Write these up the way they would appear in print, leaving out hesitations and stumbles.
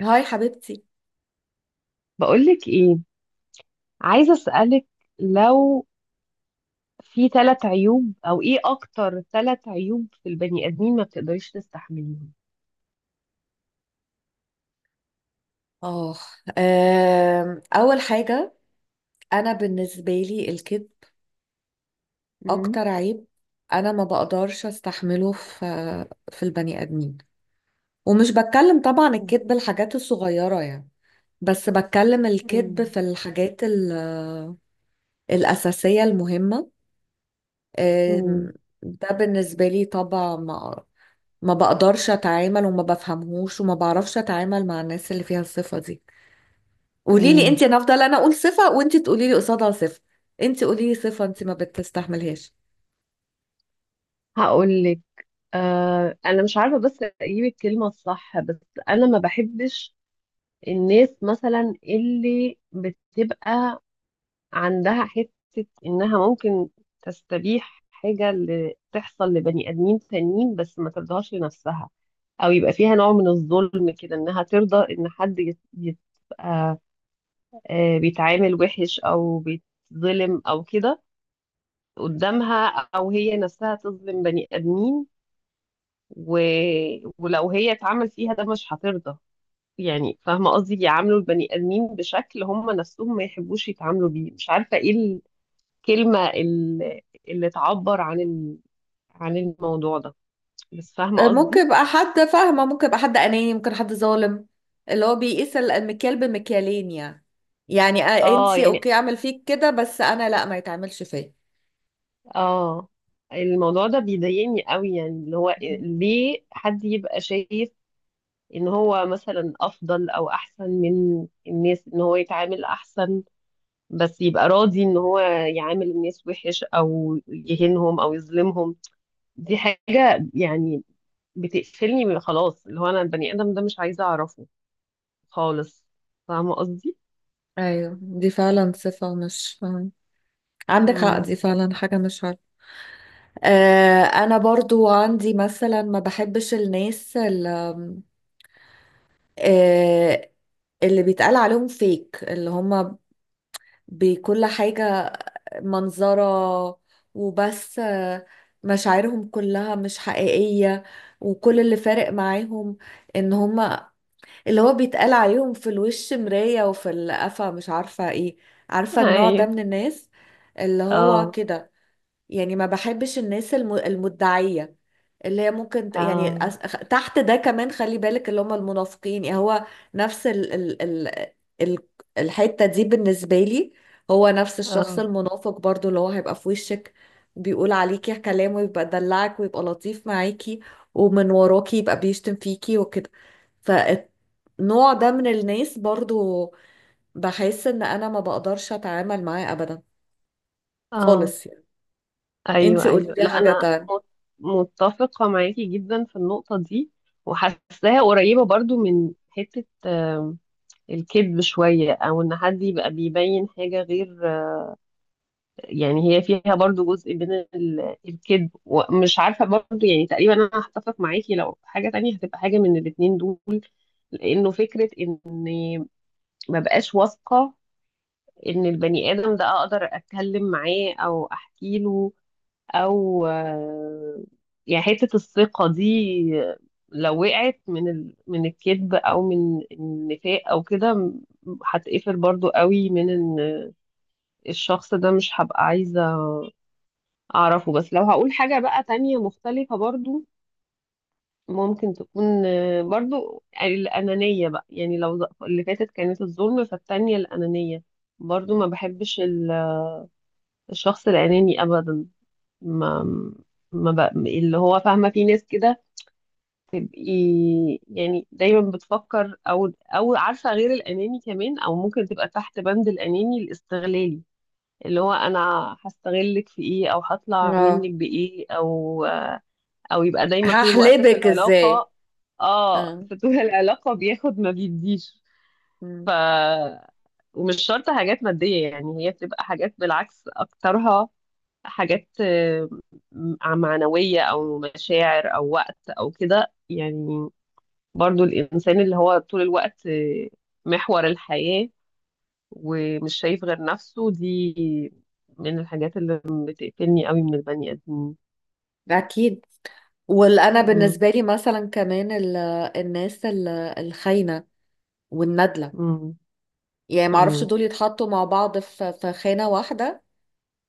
هاي حبيبتي. بقولك ايه، عايزة اسألك، لو في ثلاث عيوب او ايه اكتر ثلاث عيوب في البني ادمين ما بتقدريش تستحمليهم. اه اول حاجه، انا بالنسبه لي الكذب مم. اكتر عيب، انا ما بقدرش استحمله في البني ادمين. ومش بتكلم طبعا الكذب الحاجات الصغيره يعني، بس بتكلم الكذب مم. في الحاجات الاساسيه المهمه. آم، ده بالنسبه لي طبعا، ما بقدرش اتعامل وما بفهمهوش وما بعرفش اتعامل مع الناس اللي فيها الصفه دي. قولي لي مم. انت، انا افضل انا اقول صفه وانت تقولي لي قصادها صفه. انت قولي لي صفه انت ما بتستحملهاش. هقول لك. انا مش عارفة بس اجيب الكلمة الصح بس انا ما بحبش الناس مثلا اللي بتبقى عندها حتة انها ممكن تستبيح حاجة اللي تحصل لبني ادمين تانيين بس ما ترضاش لنفسها، او يبقى فيها نوع من الظلم كده انها ترضى ان حد يبقى بيتعامل وحش او بيتظلم او كده قدامها، او هي نفسها تظلم بني ادمين. و... ولو هي اتعمل فيها ده مش هترضى. يعني فاهمه قصدي، يعاملوا البني ادمين بشكل هم نفسهم ما يحبوش يتعاملوا بيه. مش عارفه ايه الكلمه اللي تعبر عن عن الموضوع ده. بس فاهمه ممكن قصدي. يبقى حد فاهمه، ممكن يبقى حد اناني، ممكن حد ظالم، اللي هو بيقيس المكيال بمكيالين يعني. يعني اه، انت يعني اوكي اعمل فيك كده بس انا لا، ما يتعملش فيا. اه الموضوع ده بيضايقني قوي، يعني اللي هو ليه حد يبقى شايف ان هو مثلا افضل او احسن من الناس، ان هو يتعامل احسن بس يبقى راضي ان هو يعامل الناس وحش او يهينهم او يظلمهم. دي حاجة يعني بتقفلني من، خلاص، اللي هو انا البني ادم ده مش عايزة اعرفه خالص. فاهمة قصدي؟ ايوه دي فعلا صفه، مش عندك حق، امم. دي فعلا حاجه مش عارفه. آه انا برضو عندي مثلا ما بحبش الناس اللي، آه اللي بيتقال عليهم فيك، اللي هم بكل حاجة منظرة وبس، مشاعرهم كلها مش حقيقية. وكل اللي فارق معاهم ان هما اللي هو بيتقال عليهم في الوش مراية وفي القفا، مش عارفة ايه. عارفة النوع ده ايوه. من الناس اللي هو اه. كده؟ يعني ما بحبش الناس المدعية، اللي هي ممكن اه. تحت ده كمان، خلي بالك اللي هم المنافقين. يعني هو نفس ال الحتة دي بالنسبة لي، هو نفس الشخص اه. المنافق برضو، اللي هو هيبقى في وشك بيقول عليكي كلام ويبقى دلعك ويبقى لطيف معاكي، ومن وراكي يبقى بيشتم فيكي وكده. فالنوع ده من الناس برضو بحس ان انا ما بقدرش اتعامل معاه ابدا اه. خالص يعني. انتي ايوه، قولي ايوه، لي لا حاجة. انا متفقه معاكي جدا في النقطه دي، وحاساها قريبه برضو من حته، الكذب شويه، او ان حد يبقى بيبين حاجه غير، يعني هي فيها برضو جزء من الكذب، ومش عارفه برضو، يعني تقريبا انا هتفق معاكي لو حاجه تانية هتبقى حاجه من الاتنين دول. لانه فكره اني ما بقاش واثقه ان البني ادم ده اقدر اتكلم معاه او احكي له، او يعني حتة الثقة دي لو وقعت من من الكذب او من النفاق او كده هتقفل برضو قوي من ان الشخص ده مش هبقى عايزة اعرفه. بس لو هقول حاجة بقى تانية مختلفة، برضو ممكن تكون برضو الأنانية بقى، يعني لو اللي فاتت كانت الظلم، فالتانية الأنانية. برضو ما بحبش الشخص الأناني أبدا، ما ما اللي هو فاهمة في ناس كده تبقي، يعني دايما بتفكر او عارفه غير الاناني، كمان او ممكن تبقى تحت بند الاناني الاستغلالي، اللي هو انا هستغلك في ايه او هطلع اه، منك بايه، او يبقى دايما طول الوقت في هحلبك ازاي. العلاقه. اه، اه. في طول العلاقه بياخد ما بيديش. ف مم. ومش شرط حاجات ماديه، يعني هي بتبقى حاجات، بالعكس اكترها حاجات، معنويه، او مشاعر، او وقت او كده يعني. برضو الإنسان اللي هو طول الوقت، محور الحياة ومش شايف غير نفسه، دي من الحاجات اللي بتقفلني قوي من البني آدمين. اكيد. وانا مم. بالنسبه لي مثلا كمان الناس الخاينه والندله، مم. يعني ما اعرفش مم. دول يتحطوا مع بعض في خانه واحده،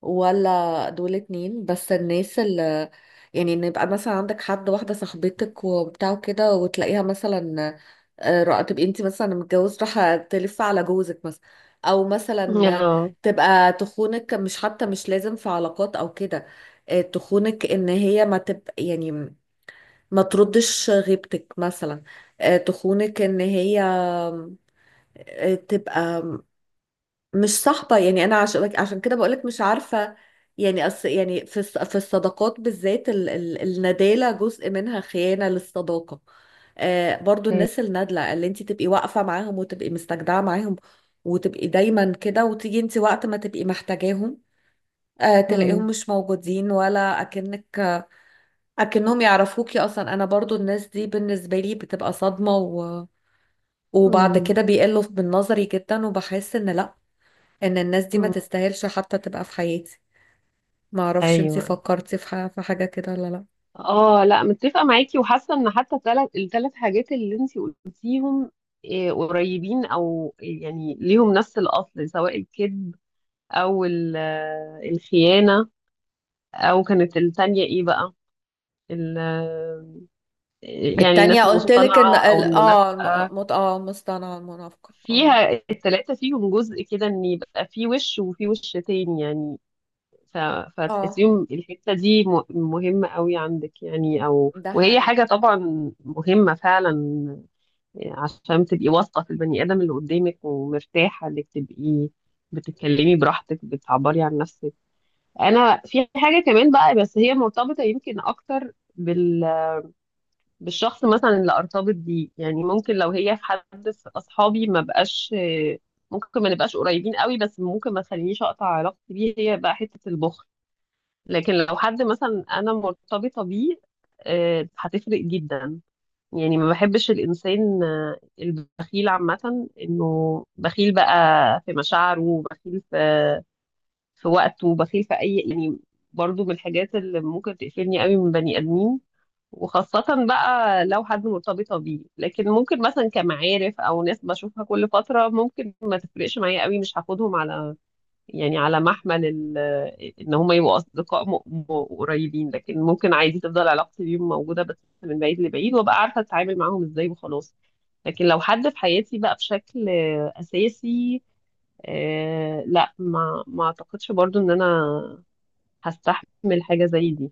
ولا دول اتنين. بس الناس اللي، يعني إن يبقى مثلا عندك حد، واحدة صاحبتك وبتاع كده، وتلاقيها مثلا تبقي انت مثلا متجوز، راح تلف على جوزك مثلا، او مثلا آه. تبقى تخونك. مش حتى مش لازم في علاقات او كده، تخونك ان هي ما تبقى يعني ما تردش غيبتك مثلا. تخونك ان هي تبقى مش صاحبة. يعني أنا عشان كده بقولك مش عارفة. يعني أص يعني في في الصداقات بالذات ال الندالة جزء منها خيانة للصداقة. آه برضو الناس النادلة، اللي انت تبقي واقفة معاهم وتبقي مستجدعة معاهم وتبقي دايما كده، وتيجي انت وقت ما تبقي محتاجاهم آه تلاقيهم مم. مش موجودين، ولا أكنك أكنهم يعرفوكي أصلا. أنا برضو الناس دي بالنسبة لي بتبقى صدمة، و وبعد مم. كده بيقلوا من نظري جدا، وبحس إن لأ، ان الناس دي ما مم. تستاهلش حتى تبقى في حياتي. ما اعرفش انت ايوه. فكرتي في في حاجة كده ولا لا؟ اه، لا، متفقه معاكي وحاسه ان حتى الثلاث حاجات اللي انتي قلتيهم، إيه، قريبين او يعني ليهم نفس الاصل، سواء الكذب او الخيانه، او كانت الثانيه ايه بقى ال يعني التانية الناس قلت لك ان المصطنعة أو ال- اه المنافقة، الم- مت... اه مصطنعة المنافقة، اه. فيها التلاتة، فيهم جزء كده إن يبقى في وش وفي وش تاني، يعني. ف... اه، فتحسيهم الحتة دي مهمة قوي عندك، يعني، أو ده وهي حقيقي. حاجة طبعا مهمة فعلا. عشان تبقي واثقة في البني آدم اللي قدامك ومرتاحة إنك تبقي بتتكلمي براحتك، بتعبري عن نفسك. أنا في حاجة كمان بقى، بس هي مرتبطة يمكن أكتر بالشخص مثلا اللي ارتبط بيه، يعني ممكن لو هي في حد في اصحابي ما بقاش، ممكن ما نبقاش قريبين قوي بس ممكن ما تخلينيش اقطع علاقتي بيه، هي بقى حتة البخل. لكن لو حد مثلا انا مرتبطة بيه، هتفرق جدا. يعني ما بحبش الانسان، البخيل عامة، انه بخيل بقى، في مشاعره، بخيل في وقته، بخيل في اي، يعني. برضو من الحاجات اللي ممكن تقفلني قوي من بني ادمين، وخاصة بقى لو حد مرتبطة بيه. لكن ممكن مثلا كمعارف أو ناس بشوفها كل فترة، ممكن ما تفرقش معايا قوي، مش هاخدهم على، يعني، على محمل إن هما يبقوا أصدقاء قريبين، لكن ممكن عادي تفضل علاقتي بيهم موجودة، بس من بعيد لبعيد، وأبقى عارفة أتعامل معاهم إزاي وخلاص. لكن لو حد في حياتي بقى بشكل أساسي، لا، ما أعتقدش برضو إن أنا هستحمل حاجة زي دي.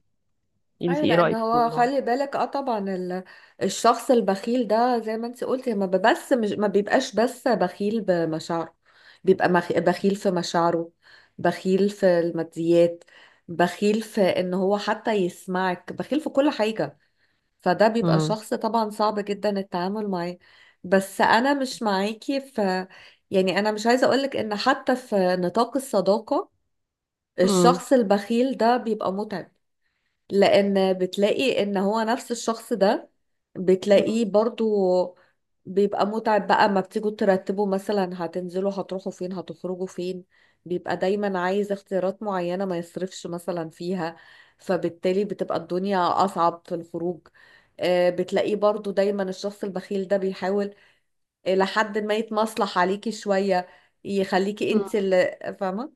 أنت ايوه، إيه لان رأيك في هو الموضوع ده؟ خلي بالك اه طبعا الشخص البخيل ده زي ما انت قلتي، ما بيبقاش بس بخيل بمشاعره. بخيل في مشاعره، بخيل في الماديات، بخيل في ان هو حتى يسمعك، بخيل في كل حاجة. فده بيبقى مم. شخص طبعا صعب جدا التعامل معاه. بس انا مش معاكي في، يعني انا مش عايزه اقولك ان حتى في نطاق الصداقه مم. الشخص البخيل ده بيبقى متعب. لان بتلاقي ان هو نفس الشخص ده، بتلاقيه برضو بيبقى متعب بقى. ما بتيجوا ترتبوا مثلا هتنزلوا، هتروحوا فين، هتخرجوا فين، بيبقى دايما عايز اختيارات معينة ما يصرفش مثلا فيها. فبالتالي بتبقى الدنيا اصعب في الخروج. بتلاقيه برضو دايما الشخص البخيل ده بيحاول إلى حد ما يتمصلح عليكي شوية، يخليكي مم. انت اللي فاهمة.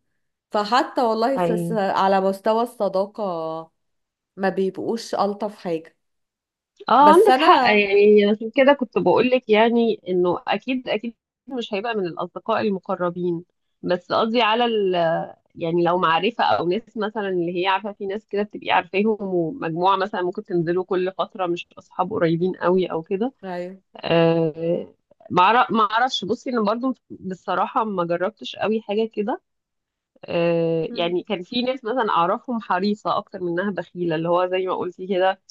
فحتى والله في ايوه. على مستوى الصداقة ما بيبقوش ألطف حاجة. اه، بس عندك حق، أنا، يعني عشان كده كنت بقولك، يعني انه اكيد اكيد مش هيبقى من الاصدقاء المقربين. بس قصدي على يعني لو معرفة او ناس مثلا اللي هي عارفة، في ناس كده بتبقي عارفاهم ومجموعة مثلا ممكن تنزلوا كل فترة، مش اصحاب قريبين قوي او كده. أيوه. آه ما اعرفش، بصي انا برضو بصراحة ما جربتش قوي حاجة كده. مم. يعني كان في ناس مثلا اعرفهم حريصة اكتر منها بخيلة، اللي هو زي ما قلتي كده،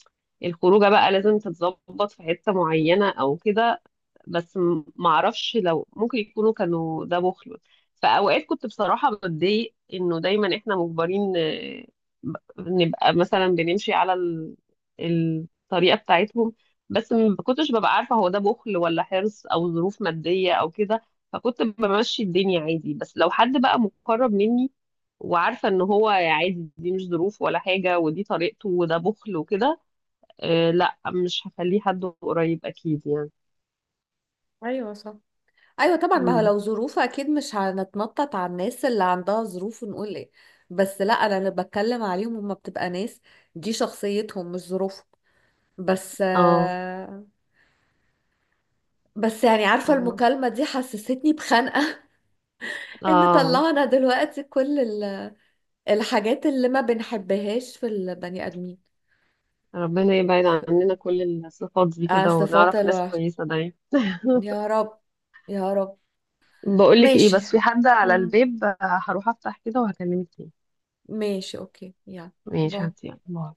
الخروجه بقى لازم تتظبط في حته معينه او كده. بس معرفش لو ممكن يكونوا كانوا ده بخل. في اوقات كنت بصراحه بتضايق انه دايما احنا مجبرين، نبقى مثلا بنمشي على الطريقه بتاعتهم. بس ما كنتش ببقى عارفه هو ده بخل ولا حرص او ظروف ماديه او كده. فكنت بمشي الدنيا عادي. بس لو حد بقى مقرب مني وعارفه ان هو عادي، دي مش ظروف ولا حاجه ودي طريقته وده بخل وكده، لا، مش هخليه حد قريب اكيد يعني. أيوه صح، أيوه طبعا، ما هو امم. لو ظروف أكيد مش هنتنطط على الناس اللي عندها ظروف ونقول إيه. بس لا، أنا اللي بتكلم عليهم هما بتبقى ناس دي شخصيتهم مش ظروفهم. بس اه. بس يعني عارفة فاهمة. المكالمة دي حسستني بخنقة. إن اه. طلعنا دلوقتي كل الحاجات اللي ما بنحبهاش في البني آدمين، ربنا يبعد عننا كل الصفات دي كده صفات ونعرف ناس الوحش. كويسة دايما. يا رب يا رب. بقولك ايه، ماشي. بس في حد على مم. الباب، هروح افتح كده وهكلمك تاني. ماشي اوكي، يلا ماشي، هاتي، باي. يلا، باي.